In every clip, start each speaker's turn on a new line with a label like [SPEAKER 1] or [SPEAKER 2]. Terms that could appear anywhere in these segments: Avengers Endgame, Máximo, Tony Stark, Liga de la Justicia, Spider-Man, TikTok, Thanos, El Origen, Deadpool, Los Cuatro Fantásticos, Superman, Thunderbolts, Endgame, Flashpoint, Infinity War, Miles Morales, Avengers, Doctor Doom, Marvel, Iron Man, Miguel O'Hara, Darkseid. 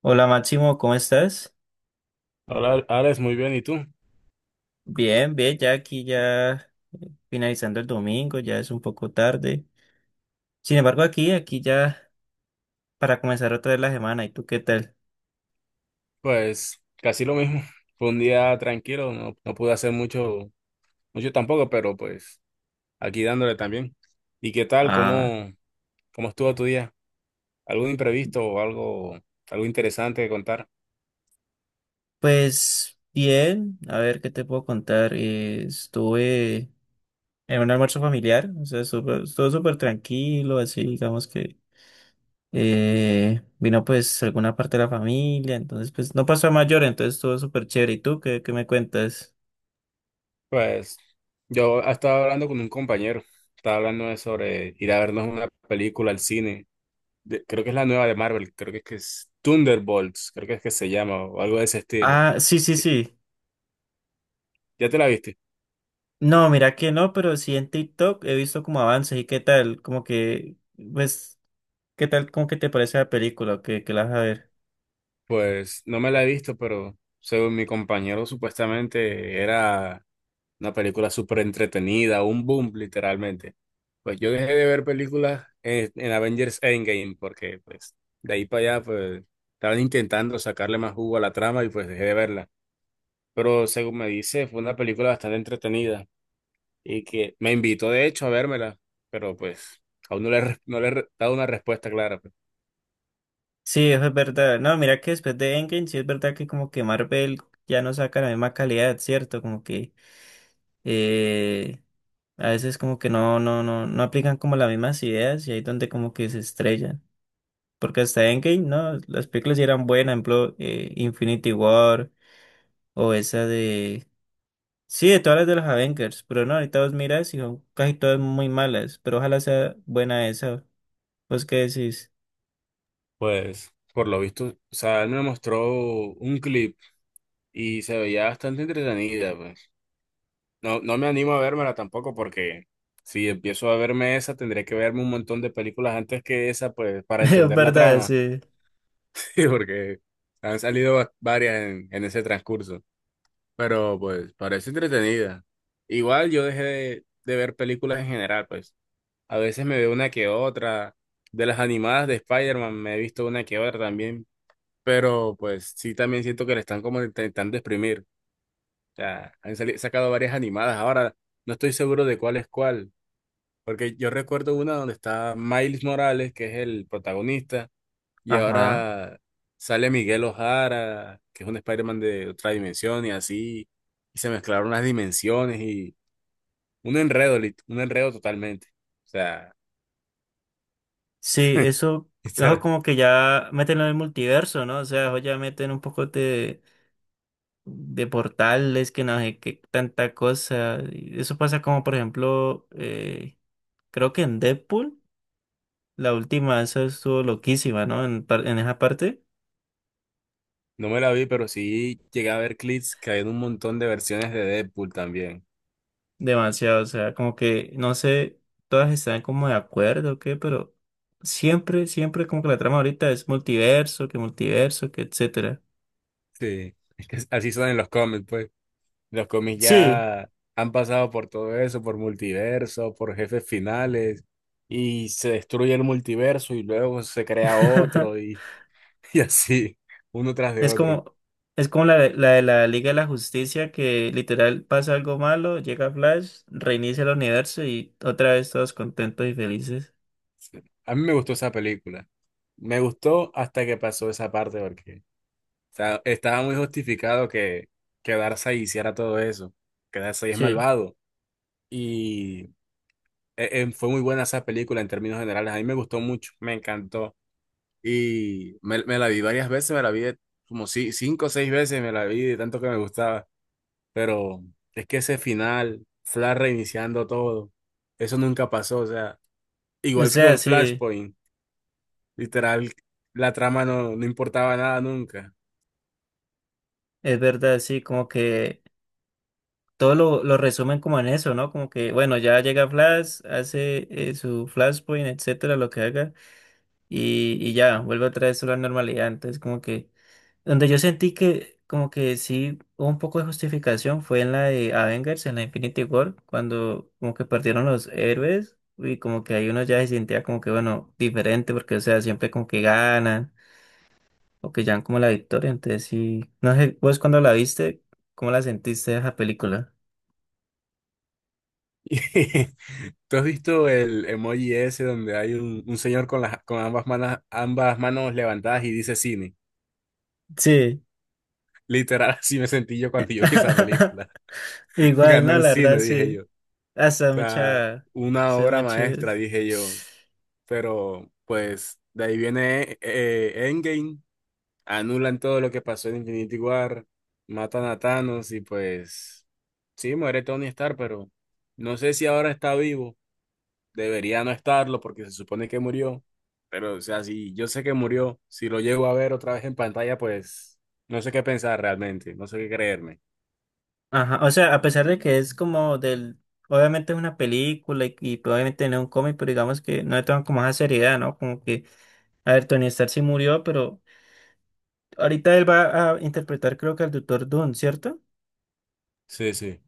[SPEAKER 1] Hola Máximo, ¿cómo estás?
[SPEAKER 2] Hola, Alex, muy bien. ¿Y tú?
[SPEAKER 1] Bien, bien, ya aquí ya finalizando el domingo, ya es un poco tarde. Sin embargo, aquí ya para comenzar otra vez la semana, ¿y tú qué tal?
[SPEAKER 2] Pues casi lo mismo. Fue un día tranquilo, no pude hacer mucho, mucho tampoco, pero pues aquí dándole también. ¿Y qué tal?
[SPEAKER 1] Ah,
[SPEAKER 2] ¿Cómo estuvo tu día? ¿Algo imprevisto o algo, ¿Algo interesante que contar?
[SPEAKER 1] pues bien, a ver qué te puedo contar. Estuve en un almuerzo familiar, o sea, estuvo súper tranquilo, así digamos que vino pues alguna parte de la familia, entonces pues no pasó a mayor, entonces estuvo súper chévere. ¿Y tú qué me cuentas?
[SPEAKER 2] Pues yo estaba hablando con un compañero, estaba hablando de sobre ir a vernos una película al cine. Creo que es la nueva de Marvel, que es Thunderbolts, creo que es que se llama o algo de ese estilo.
[SPEAKER 1] Ah, sí, sí,
[SPEAKER 2] Sí,
[SPEAKER 1] sí.
[SPEAKER 2] ¿ya te la viste?
[SPEAKER 1] No, mira que no, pero sí en TikTok he visto como avances y qué tal, como que, pues, qué tal, como que te parece la película, que la vas a ver.
[SPEAKER 2] Pues no me la he visto, pero según mi compañero, supuestamente era una película súper entretenida, un boom literalmente. Pues yo dejé de ver películas en Avengers Endgame porque pues de ahí para allá pues estaban intentando sacarle más jugo a la trama y pues dejé de verla. Pero según me dice, fue una película bastante entretenida y que me invitó de hecho a vérmela, pero pues aún no le, he re- no le he re- dado una respuesta clara. Pues
[SPEAKER 1] Sí, eso es verdad. No, mira que después de Endgame, sí es verdad que como que Marvel ya no saca la misma calidad, ¿cierto? Como que eh, a veces como que no aplican como las mismas ideas y ahí es donde como que se estrellan. Porque hasta Endgame, no, las películas sí eran buenas, por ejemplo, Infinity War o esa de sí, de todas las de los Avengers, pero no, ahorita vos miras y son casi todas muy malas, pero ojalá sea buena esa. ¿Vos qué decís?
[SPEAKER 2] pues, por lo visto, o sea, él me mostró un clip y se veía bastante entretenida, pues. No me animo a vérmela tampoco porque si empiezo a verme esa, tendré que verme un montón de películas antes que esa, pues, para
[SPEAKER 1] Es
[SPEAKER 2] entender la
[SPEAKER 1] verdad,
[SPEAKER 2] trama.
[SPEAKER 1] sí.
[SPEAKER 2] Sí, porque han salido varias en ese transcurso. Pero, pues, parece entretenida. Igual yo dejé de ver películas en general, pues. A veces me veo una que otra. De las animadas de Spider-Man me he visto una que otra también. Pero, pues, sí también siento que le están como intentando exprimir. O sea, han sacado varias animadas. Ahora, no estoy seguro de cuál es cuál, porque yo recuerdo una donde está Miles Morales, que es el protagonista, y
[SPEAKER 1] Ajá.
[SPEAKER 2] ahora sale Miguel O'Hara, que es un Spider-Man de otra dimensión, y así, y se mezclaron las dimensiones, y un enredo, un enredo totalmente. O sea,
[SPEAKER 1] Sí, eso
[SPEAKER 2] esta
[SPEAKER 1] como que ya meten en el multiverso, ¿no? O sea, eso ya meten un poco de portales, que no sé qué tanta cosa. Y eso pasa como, por ejemplo, creo que en Deadpool, la última, esa estuvo loquísima, ¿no? En, en esa parte.
[SPEAKER 2] no me la vi, pero sí llegué a ver clips que hay un montón de versiones de Deadpool también.
[SPEAKER 1] Demasiado, o sea, como que no sé, todas están como de acuerdo o qué, pero siempre, siempre como que la trama ahorita es multiverso, que etcétera.
[SPEAKER 2] Sí, es que así son en los cómics, pues. Los cómics
[SPEAKER 1] Sí,
[SPEAKER 2] ya han pasado por todo eso, por multiverso, por jefes finales, y se destruye el multiverso y luego se crea otro y, y así, uno tras de
[SPEAKER 1] es
[SPEAKER 2] otro.
[SPEAKER 1] como, es como la de la Liga de la Justicia que literal pasa algo malo, llega Flash, reinicia el universo y otra vez todos contentos y felices.
[SPEAKER 2] A mí me gustó esa película. Me gustó hasta que pasó esa parte porque o sea, estaba muy justificado que Darkseid hiciera todo eso, que Darkseid es
[SPEAKER 1] Sí,
[SPEAKER 2] malvado. Y fue muy buena esa película en términos generales. A mí me gustó mucho, me encantó. Y me la vi varias veces, me la vi de- como si, cinco o seis veces, me la vi de tanto que me gustaba. Pero es que ese final, Flash reiniciando todo, eso nunca pasó. O sea,
[SPEAKER 1] o
[SPEAKER 2] igual que
[SPEAKER 1] sea,
[SPEAKER 2] con
[SPEAKER 1] sí,
[SPEAKER 2] Flashpoint, literal, la trama no importaba nada nunca.
[SPEAKER 1] es verdad, sí, como que todo lo resumen como en eso, ¿no? Como que, bueno, ya llega Flash, hace su Flashpoint, etcétera, lo que haga, y ya, vuelve otra vez a la normalidad. Entonces, como que, donde yo sentí que, como que sí hubo un poco de justificación fue en la de Avengers, en la Infinity War, cuando como que perdieron los héroes, y como que ahí uno ya se sentía como que, bueno, diferente, porque, o sea, siempre como que ganan, o que llevan como la victoria. Entonces, sí, no sé, vos cuando la viste, ¿cómo la sentiste esa película?
[SPEAKER 2] Y ¿tú has visto el emoji ese donde hay un señor con, las, con ambas manos levantadas y dice cine?
[SPEAKER 1] Sí.
[SPEAKER 2] Literal, así me sentí yo cuando yo vi esa película.
[SPEAKER 1] Igual,
[SPEAKER 2] Ganó
[SPEAKER 1] no,
[SPEAKER 2] el
[SPEAKER 1] la verdad,
[SPEAKER 2] cine, dije
[SPEAKER 1] sí.
[SPEAKER 2] yo.
[SPEAKER 1] Hasta
[SPEAKER 2] Sea,
[SPEAKER 1] mucha.
[SPEAKER 2] una
[SPEAKER 1] Hace
[SPEAKER 2] obra maestra,
[SPEAKER 1] muchas.
[SPEAKER 2] dije yo. Pero, pues, de ahí viene Endgame, anulan todo lo que pasó en Infinity War, matan a Thanos y pues, sí, muere Tony Stark, pero no sé si ahora está vivo. Debería no estarlo porque se supone que murió. Pero, o sea, si yo sé que murió, si lo llego a ver otra vez en pantalla, pues, no sé qué pensar realmente, no sé qué creerme.
[SPEAKER 1] Ajá. O sea, a pesar de que es como del. Obviamente es una película y probablemente no es un cómic, pero digamos que no le toman como esa seriedad, ¿no? Como que, a ver, Tony Stark sí murió, pero ahorita él va a interpretar, creo que al Doctor Doom, ¿cierto?
[SPEAKER 2] Sí, sí,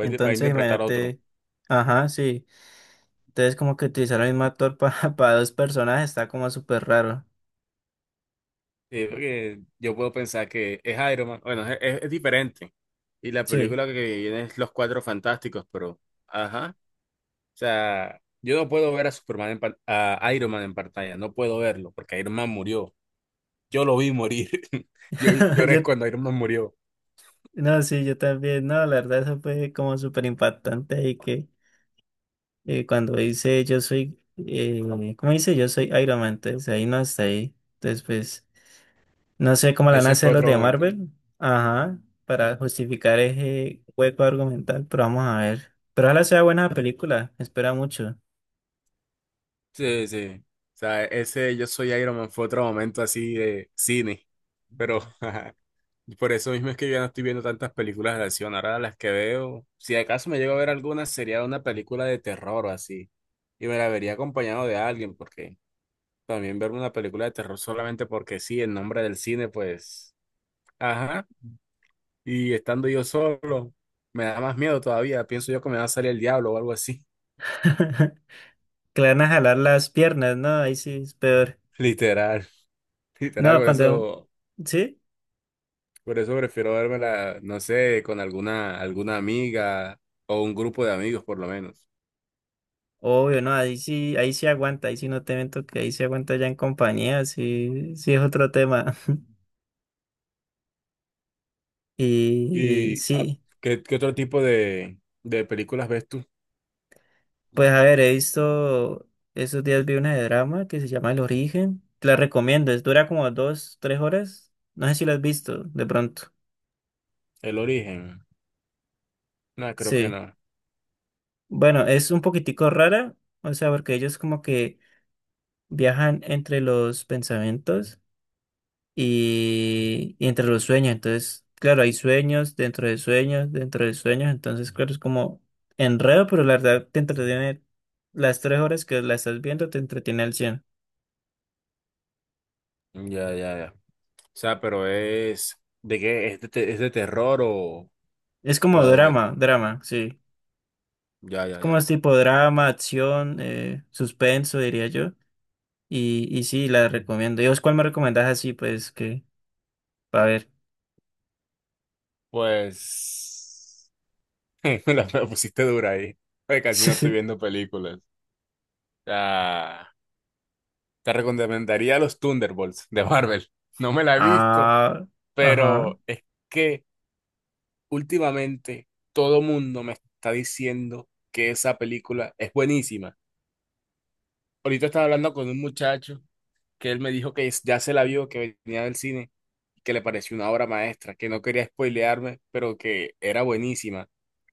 [SPEAKER 2] va a
[SPEAKER 1] Entonces,
[SPEAKER 2] interpretar otro.
[SPEAKER 1] imagínate. Ajá, sí. Entonces, como que utilizar al mismo actor para dos personajes está como súper raro.
[SPEAKER 2] Sí, porque yo puedo pensar que es Iron Man. Bueno, es diferente. Y la
[SPEAKER 1] Sí.
[SPEAKER 2] película que viene es Los Cuatro Fantásticos, pero, ajá. O sea, yo no puedo ver a a Iron Man en pantalla, no puedo verlo, porque Iron Man murió. Yo lo vi morir. Yo lloré
[SPEAKER 1] Yo,
[SPEAKER 2] cuando Iron Man murió.
[SPEAKER 1] no, sí, yo también, no, la verdad eso fue como súper impactante y que cuando dice yo soy, ¿cómo dice? Yo soy Iron Man, entonces ahí no está ahí. Entonces, pues, no sé cómo la van a
[SPEAKER 2] Ese
[SPEAKER 1] hacer
[SPEAKER 2] fue
[SPEAKER 1] los
[SPEAKER 2] otro
[SPEAKER 1] de
[SPEAKER 2] momento.
[SPEAKER 1] Marvel, ajá, para justificar ese hueco argumental, pero vamos a ver. Pero ojalá sea buena película, espera mucho.
[SPEAKER 2] Sí, sí. O sea, ese yo soy Iron Man fue otro momento así de cine. Pero, y por eso mismo es que yo ya no estoy viendo tantas películas de acción. Ahora las que veo, si acaso me llego a ver alguna, sería una película de terror o así. Y me la vería acompañado de alguien, porque también verme una película de terror solamente porque sí, en nombre del cine, pues, ajá. Y estando yo solo, me da más miedo todavía. Pienso yo que me va a salir el diablo o algo así.
[SPEAKER 1] Que le van a jalar las piernas, ¿no? Ahí sí es peor.
[SPEAKER 2] Literal, literal,
[SPEAKER 1] No, cuando, ¿sí?
[SPEAKER 2] por eso prefiero vérmela no sé, con alguna, alguna amiga o un grupo de amigos por lo menos.
[SPEAKER 1] Obvio, no, ahí sí aguanta, ahí sí no te miento que ahí sí aguanta ya en compañía, sí, sí es otro tema. Y
[SPEAKER 2] ¿Y
[SPEAKER 1] sí,
[SPEAKER 2] qué otro tipo de películas ves tú?
[SPEAKER 1] pues a ver, he visto, esos días vi una de drama que se llama El Origen, te la recomiendo, es, dura como dos, tres horas, no sé si la has visto de pronto.
[SPEAKER 2] El origen. No, creo que
[SPEAKER 1] Sí,
[SPEAKER 2] no.
[SPEAKER 1] bueno, es un poquitico rara, o sea, porque ellos como que viajan entre los pensamientos y entre los sueños. Entonces, claro, hay sueños dentro de sueños, dentro de sueños. Entonces, claro, es como enredo, pero la verdad te entretiene las tres horas que la estás viendo, te entretiene al cien.
[SPEAKER 2] Ya, ya, ya. O sea, pero es de qué es de, te- es de terror o,
[SPEAKER 1] Es como
[SPEAKER 2] o algo de-
[SPEAKER 1] drama, drama, sí.
[SPEAKER 2] ya,
[SPEAKER 1] Es
[SPEAKER 2] ya,
[SPEAKER 1] como
[SPEAKER 2] ya.
[SPEAKER 1] es tipo drama, acción, suspenso, diría yo. Y sí, la recomiendo. ¿Y vos cuál me recomendás así? Pues que, a ver.
[SPEAKER 2] Pues me la pusiste dura ahí. Oye, casi no estoy
[SPEAKER 1] Sí.
[SPEAKER 2] viendo películas. Ah, te recomendaría los Thunderbolts de Marvel. No me la he visto,
[SPEAKER 1] Ah, ajá.
[SPEAKER 2] pero es que últimamente, todo mundo me está diciendo que esa película es buenísima. Ahorita estaba hablando con un muchacho que él me dijo ya se la vio, que venía del cine, que le pareció una obra maestra, que no quería spoilearme, pero que era buenísima.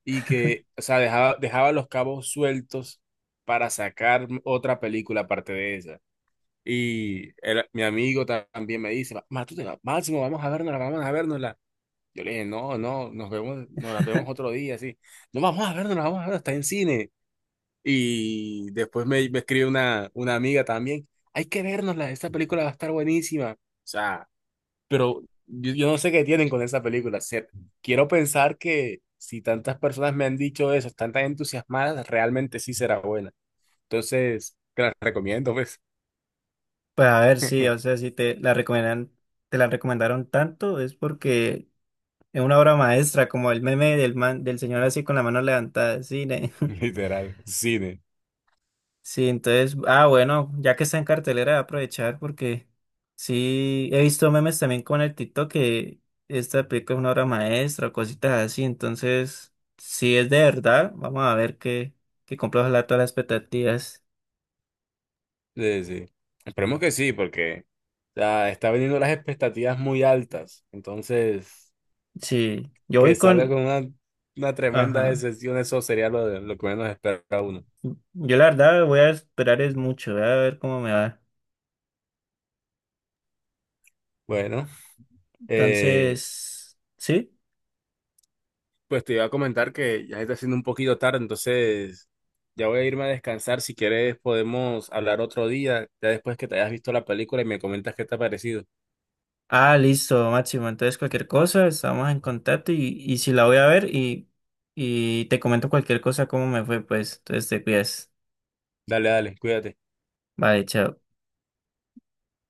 [SPEAKER 2] Y que, o sea, dejaba los cabos sueltos para sacar otra película aparte de esa. Mi amigo también me dice, Matute, Máximo, vamos a vernosla, vamos a vernosla". Yo le dije, no, no, nos vemos, nos la vemos otro día, así. No vamos a ver, no la vamos a ver, está en cine. Y después me escribe una amiga también, hay que vernosla, esta película va a estar buenísima. O sea, pero yo no sé qué tienen con esa película. O sea, quiero pensar que si tantas personas me han dicho eso, están tan entusiasmadas, realmente sí será buena. Entonces, te la recomiendo, pues,
[SPEAKER 1] Pues a ver, sí, o sea, si te la recomiendan, te la recomendaron tanto es porque es una obra maestra, como el meme del man, del señor así con la mano levantada, sí,
[SPEAKER 2] literal, cine.
[SPEAKER 1] Sí, entonces, ah, bueno, ya que está en cartelera, voy a aprovechar porque sí, he visto memes también con el TikTok que esta película es una obra maestra o cositas así, entonces, si es de verdad, vamos a ver que cumpla ojalá todas las expectativas.
[SPEAKER 2] Sí, sí. Esperemos que sí, porque o sea, está viniendo las expectativas muy altas. Entonces,
[SPEAKER 1] Sí, yo
[SPEAKER 2] que
[SPEAKER 1] voy
[SPEAKER 2] salga
[SPEAKER 1] con,
[SPEAKER 2] con una tremenda
[SPEAKER 1] ajá,
[SPEAKER 2] decepción, eso sería lo que menos espera uno.
[SPEAKER 1] yo la verdad voy a esperar es mucho, voy a ver cómo me va.
[SPEAKER 2] Bueno, eh,
[SPEAKER 1] Entonces, sí.
[SPEAKER 2] pues te iba a comentar que ya está siendo un poquito tarde, entonces ya voy a irme a descansar. Si quieres, podemos hablar otro día, ya después que te hayas visto la película y me comentas qué te ha parecido.
[SPEAKER 1] Ah, listo, Máximo. Entonces, cualquier cosa, estamos en contacto y si la voy a ver y te comento cualquier cosa, cómo me fue, pues. Entonces, te cuidas.
[SPEAKER 2] Dale, dale, cuídate.
[SPEAKER 1] Vale, chao.